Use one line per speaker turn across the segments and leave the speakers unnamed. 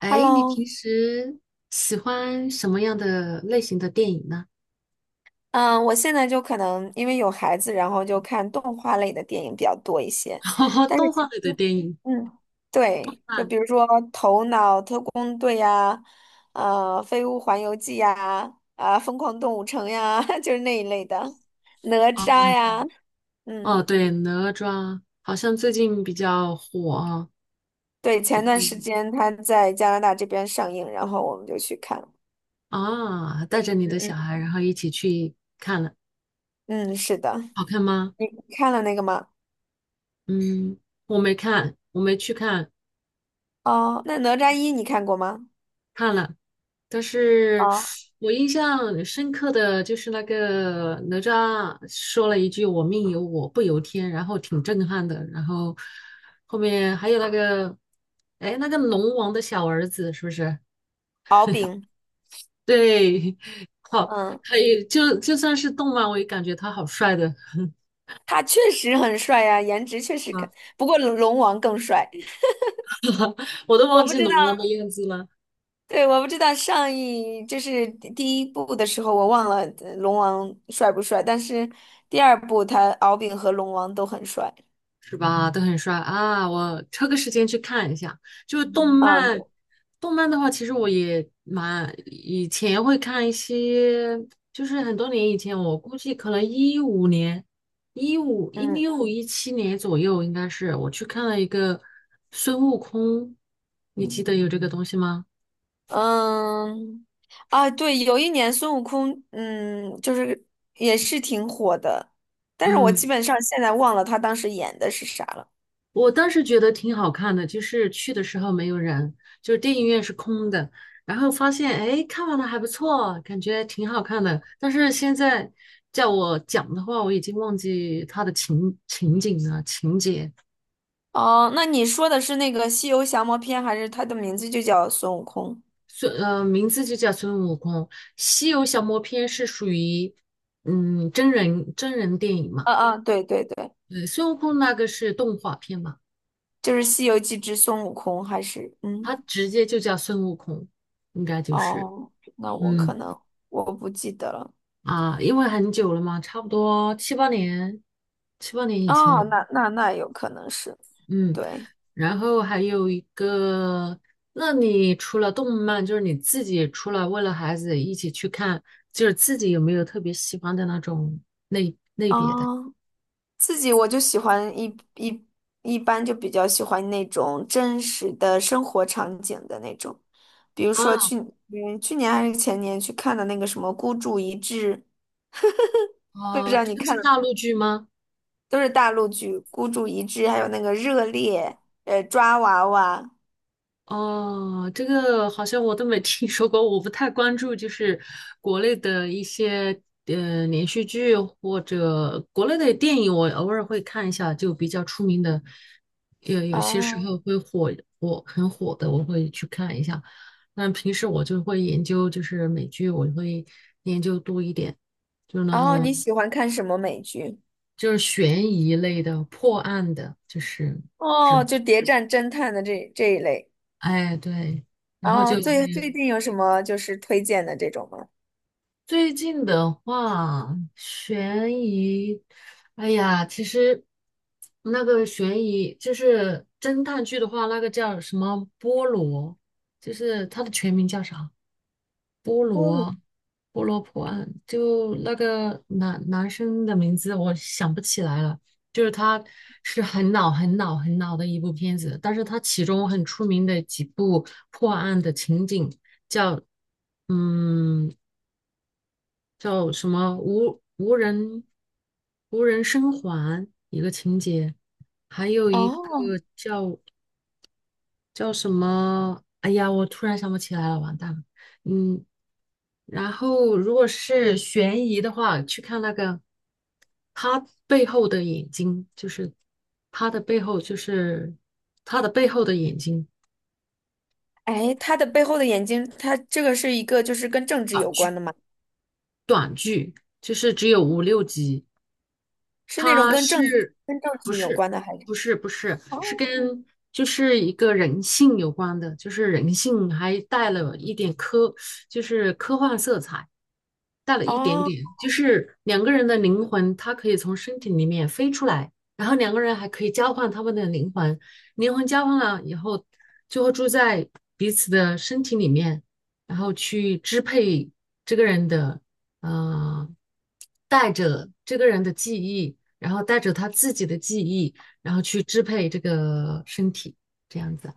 哎，你
Hello。
平时喜欢什么样的类型的电影呢？
嗯，我现在就可能因为有孩子，然后就看动画类的电影比较多一些。但是
动
其
画类的
实，
电影
嗯，对，就
看
比如说《头脑特工队》呀，《飞屋环游记》呀，啊，《疯狂动物城》呀，就是那一类的，《哪
啊，
吒》
哦对
呀。嗯，
哦，对，哪吒好像最近比较火啊，
对，
这
前
个
段
电
时
影
间他在加拿大这边上映，然后我们就去看了。
啊，带着你
嗯
的小
嗯。
孩，然后一起去看了，
嗯，是的。
好看吗？
你看了那个吗？
嗯，我没看，我没去看，
哦，那《哪吒一》你看过吗？
看了，但是
啊，
我印象很深刻的就是那个哪吒说了一句"我命由我不由天"，然后挺震撼的。然后后面还有那个，哎，那个龙王的小儿子是不是？
敖丙。
对，好，
嗯，
还有就算是动漫，我也感觉他好帅的，
他确实很帅呀、颜值确实 可，
啊
不过龙王更帅。
我都
我
忘
不
记
知道，
龙王的样子了。
对，我不知道就是第一部的时候，我忘了龙王帅不帅，但是第二部他敖丙和龙王都很帅。
是吧？都很帅啊！我抽个时间去看一下。就是动
嗯，对。
漫，动漫的话，其实我也蛮以前会看一些，就是很多年以前，我估计可能2015年、一五、一
嗯
六、2017年左右，应该是我去看了一个孙悟空，你记得有这个东西吗？
嗯。啊，对，有一年孙悟空，就是也是挺火的，但是我基
嗯，
本上现在忘了他当时演的是啥了。
我当时觉得挺好看的，就是去的时候没有人，就是电影院是空的，然后发现哎，看完了还不错，感觉挺好看的。但是现在叫我讲的话，我已经忘记它的情景了，情节。
哦，那你说的是那个《西游降魔篇》，还是它的名字就叫孙悟空？
名字就叫孙悟空，《西游降魔篇》是属于真人电影嘛，
嗯嗯，对对对，
对，孙悟空那个是动画片嘛，
就是《西游记之孙悟空》，还是
它
嗯
直接就叫孙悟空，应该就是
哦，那我可
嗯。
能我不记得了。
啊，因为很久了嘛，差不多七八年，七八年以前
哦，
了。
那有可能是。
嗯，
对。
然后还有一个，那你除了动漫，就是你自己除了为了孩子一起去看，就是自己有没有特别喜欢的那种类？
哦，自己我就喜欢一般就比较喜欢那种真实的生活场景的那种，比如说
啊，
去年还是前年去看的那个什么《孤注一掷》，不知
啊，
道
这
你
个
看
是
了。
大陆剧吗？
都是大陆剧，《孤注一掷》还有那个《热烈》，《抓娃娃》。
哦，这个好像我都没听说过，我不太关注，就是国内的一些连续剧或者国内的电影，我偶尔会看一下，就比较出名的，有些时
哦
候会很火的，我会去看一下。那平时我就会研究，就是美剧，我会研究多一点，就是那
哦，你
种
喜欢看什么美剧？
就是悬疑类的、破案的，就是之
哦，
类的。
就谍战侦探的这一类。
哎，对，然后就
哦，
会。
最近有什么就是推荐的这种吗？
最近的话，悬疑，哎呀，其实那个悬疑就是侦探剧的话，那个叫什么菠萝，就是它的全名叫啥？
菠萝。
菠萝破案，就那个男生的名字我想不起来了。就是它是很老很老很老的一部片子，但是它其中很出名的几部破案的情景叫，嗯。叫什么无人生还一个情节，还有一个
哦，
叫叫什么？哎呀，我突然想不起来了，完蛋了。嗯，然后如果是悬疑的话，去看那个他背后的眼睛，就是他的背后，就是他的背后的眼睛，
哎，他的背后的眼睛，他这个是一个就是跟政治有关的吗？
就是只有五六集。
是那种
他是
跟政
不
治有
是
关的还是？
不是不是
哦
是跟就是一个人性有关的，就是人性还带了一点科，就是科幻色彩，带了一点
哦。
点，就是两个人的灵魂，它可以从身体里面飞出来，然后两个人还可以交换他们的灵魂，灵魂交换了以后，就会住在彼此的身体里面，然后去支配这个人的，呃，带着这个人的记忆。然后带着他自己的记忆，然后去支配这个身体，这样子。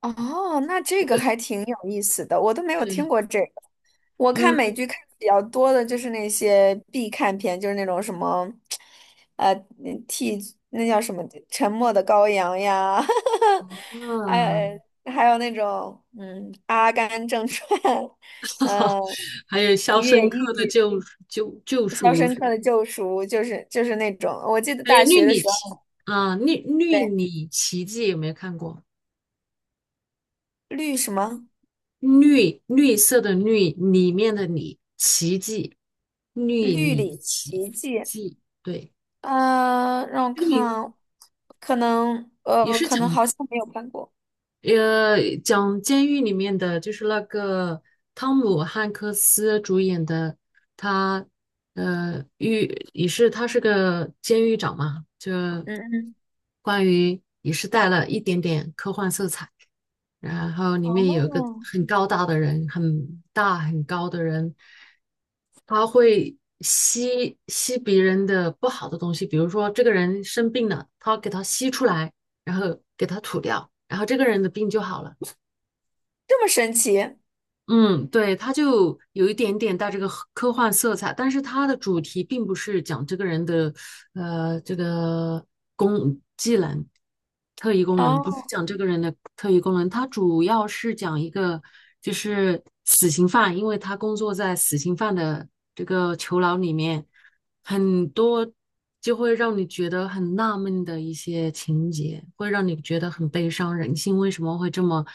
哦，那这个还挺有意思的，我都没有听
对，
过这个。我看美
嗯，
剧看的比较多的就是那些必看片，就是那种什么，呃，那替那叫什么《沉默的羔羊》呀，还
啊
有还有那种《阿甘正传》，嗯、
还有《肖
越
申
狱》
克的救
《肖
赎》，
申克的救赎》，就是那种。我记得
还有
大学的时候，
《绿
对，
里奇迹》有没有看过？
绿什么
绿绿色的绿里面的里奇迹，绿
《绿
里
里
奇
奇迹》。
迹，对，
让我
这个名
看，可能
也
呃，
是
可能好像没有看过。
讲监狱里面的，就是那个汤姆汉克斯主演的，他呃狱也是他是个监狱长嘛，就
嗯嗯。
关于也是带了一点点科幻色彩。然后里面有一个
哦，
很高大的人，很大很高的人，他会吸别人的不好的东西，比如说这个人生病了，他给他吸出来，然后给他吐掉，然后这个人的病就好了。
这么神奇。
嗯，对，他就有一点点带这个科幻色彩，但是他的主题并不是讲这个人的这个技能、特异功能，不是
哦。
讲这个人的特异功能，他主要是讲一个就是死刑犯，因为他工作在死刑犯的这个囚牢里面，很多就会让你觉得很纳闷的一些情节，会让你觉得很悲伤，人性为什么会这么？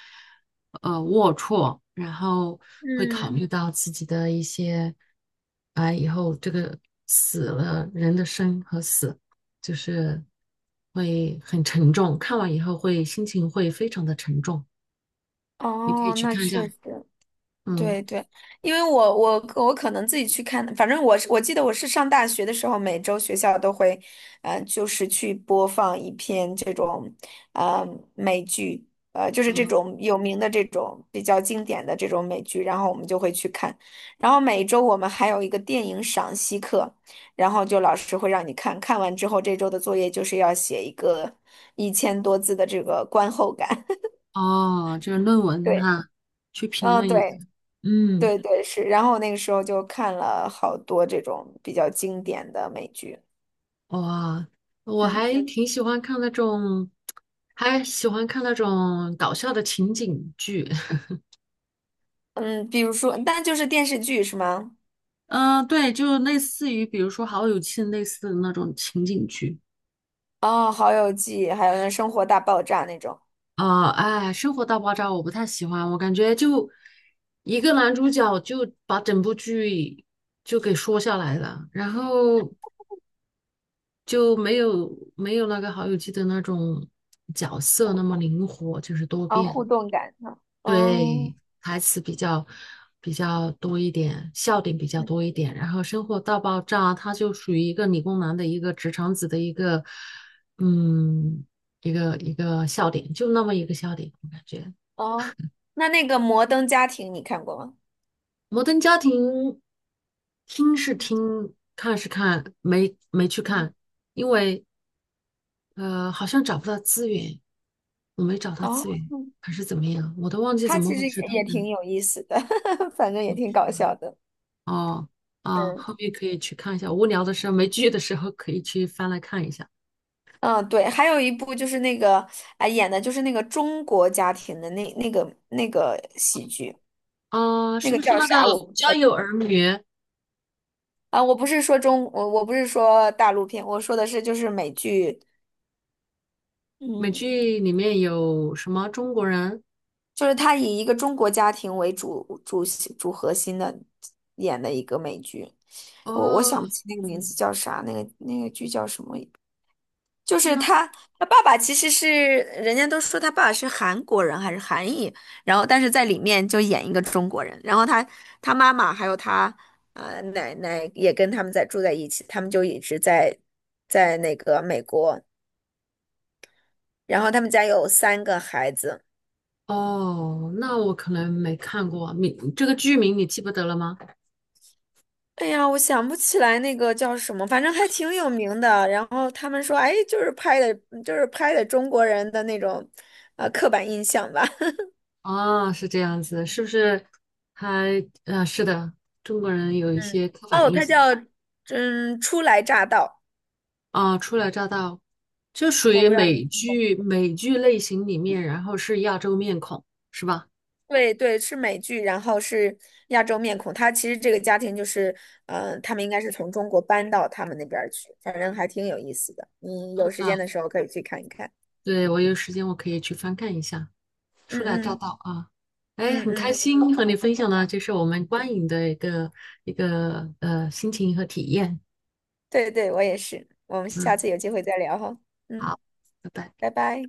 龌龊，然后会考
嗯，
虑到自己的一些，啊，以后这个死了人的生和死，就是会很沉重，看完以后心情会非常的沉重。你可以
哦，
去
那
看一下，
确实。
嗯，
对对，因为我可能自己去看，反正我是我记得我是上大学的时候，每周学校都会，就是去播放一篇这种，呃，美剧，就是这种有名的这种比较经典的这种美剧，然后我们就会去看，然后每周我们还有一个电影赏析课，然后就老师会让你看，看完之后这周的作业就是要写一个1000多字的这个观后感。
哦，这是论 文
对。
哈，去评
嗯，
论一下，
对。
嗯，
对对是，然后那个时候就看了好多这种比较经典的美剧。
哇，我
嗯
还挺喜欢看那种，还喜欢看那种搞笑的情景剧。
嗯。比如说，但就是电视剧是吗？
嗯、对，就类似于比如说《好友记》类似的那种情景剧
哦，《好友记》，还有那《生活大爆炸》那种，
啊、哎，《生活大爆炸》我不太喜欢，我感觉就一个男主角就把整部剧就给说下来了，然后就没有那个《好友记》的那种角色那么灵活，就是多
啊、互
变。
动感的。
对，
嗯。
台词比较多一点，笑点比较多一点，然后生活大爆炸，它就属于一个理工男的一个直肠子的一个，嗯，一个一个笑点，就那么一个笑点，我感觉
哦，哦，那那个《摩登家庭》你看过吗？
《摩登家庭》听是听，看是看，没去看，
嗯。
因为好像找不到资源，我没找到资
哦，
源，还是怎么样，我都忘记怎
它
么
其
回
实
事，
也
当
也
时。
挺有意思的，反正也挺搞笑的。
哦，啊，
嗯。
后面可以去看一下，无聊的时候没剧的时候可以去翻来看一下。
嗯，对，还有一部就是那个，啊演的就是那个中国家庭的那个喜剧，
啊，
那
是
个
不是
叫
那个
啥我不知
《家
道。
有儿女》
啊，我不是说大陆片，我说的是就是美剧，
美
嗯，
剧里面有什么中国人？
就是他以一个中国家庭为主主主核心的演的一个美剧。我
哦，
想不起那个名
嗯
字叫啥，那个剧叫什么？就是
那
他爸爸其实是人家都说他爸爸是韩国人还是韩裔，然后但是在里面就演一个中国人，然后他妈妈还有他奶奶也跟他们在住在一起，他们就一直在那个美国。然后他们家有3个孩子。
哦，那我可能没看过你这个剧名你记不得了吗？
哎呀，我想不起来那个叫什么，反正还挺有名的。然后他们说，哎，就是拍的，就是拍的中国人的那种，刻板印象吧。
啊，是这样子，是不是还？是的，中国人有一
嗯，
些刻板
哦，
印
他
象。
叫初来乍到。
啊，初来乍到，就属
我
于
不知道
美
你。
剧美剧类型里面，然后是亚洲面孔，是吧？
对对，是美剧，然后是亚洲面孔。他其实这个家庭就是，嗯、他们应该是从中国搬到他们那边儿去，反正还挺有意思的。你有时间
啊，
的时候可以去看一看。
对，我有时间我可以去翻看一下《初
嗯
来乍
嗯。
到》啊。哎，
嗯
很开
嗯。
心和你分享呢，这是我们观影的一个心情和体验。
对对，我也是。我们下
嗯，
次有机会再聊哈。嗯，
好，拜拜。
拜拜。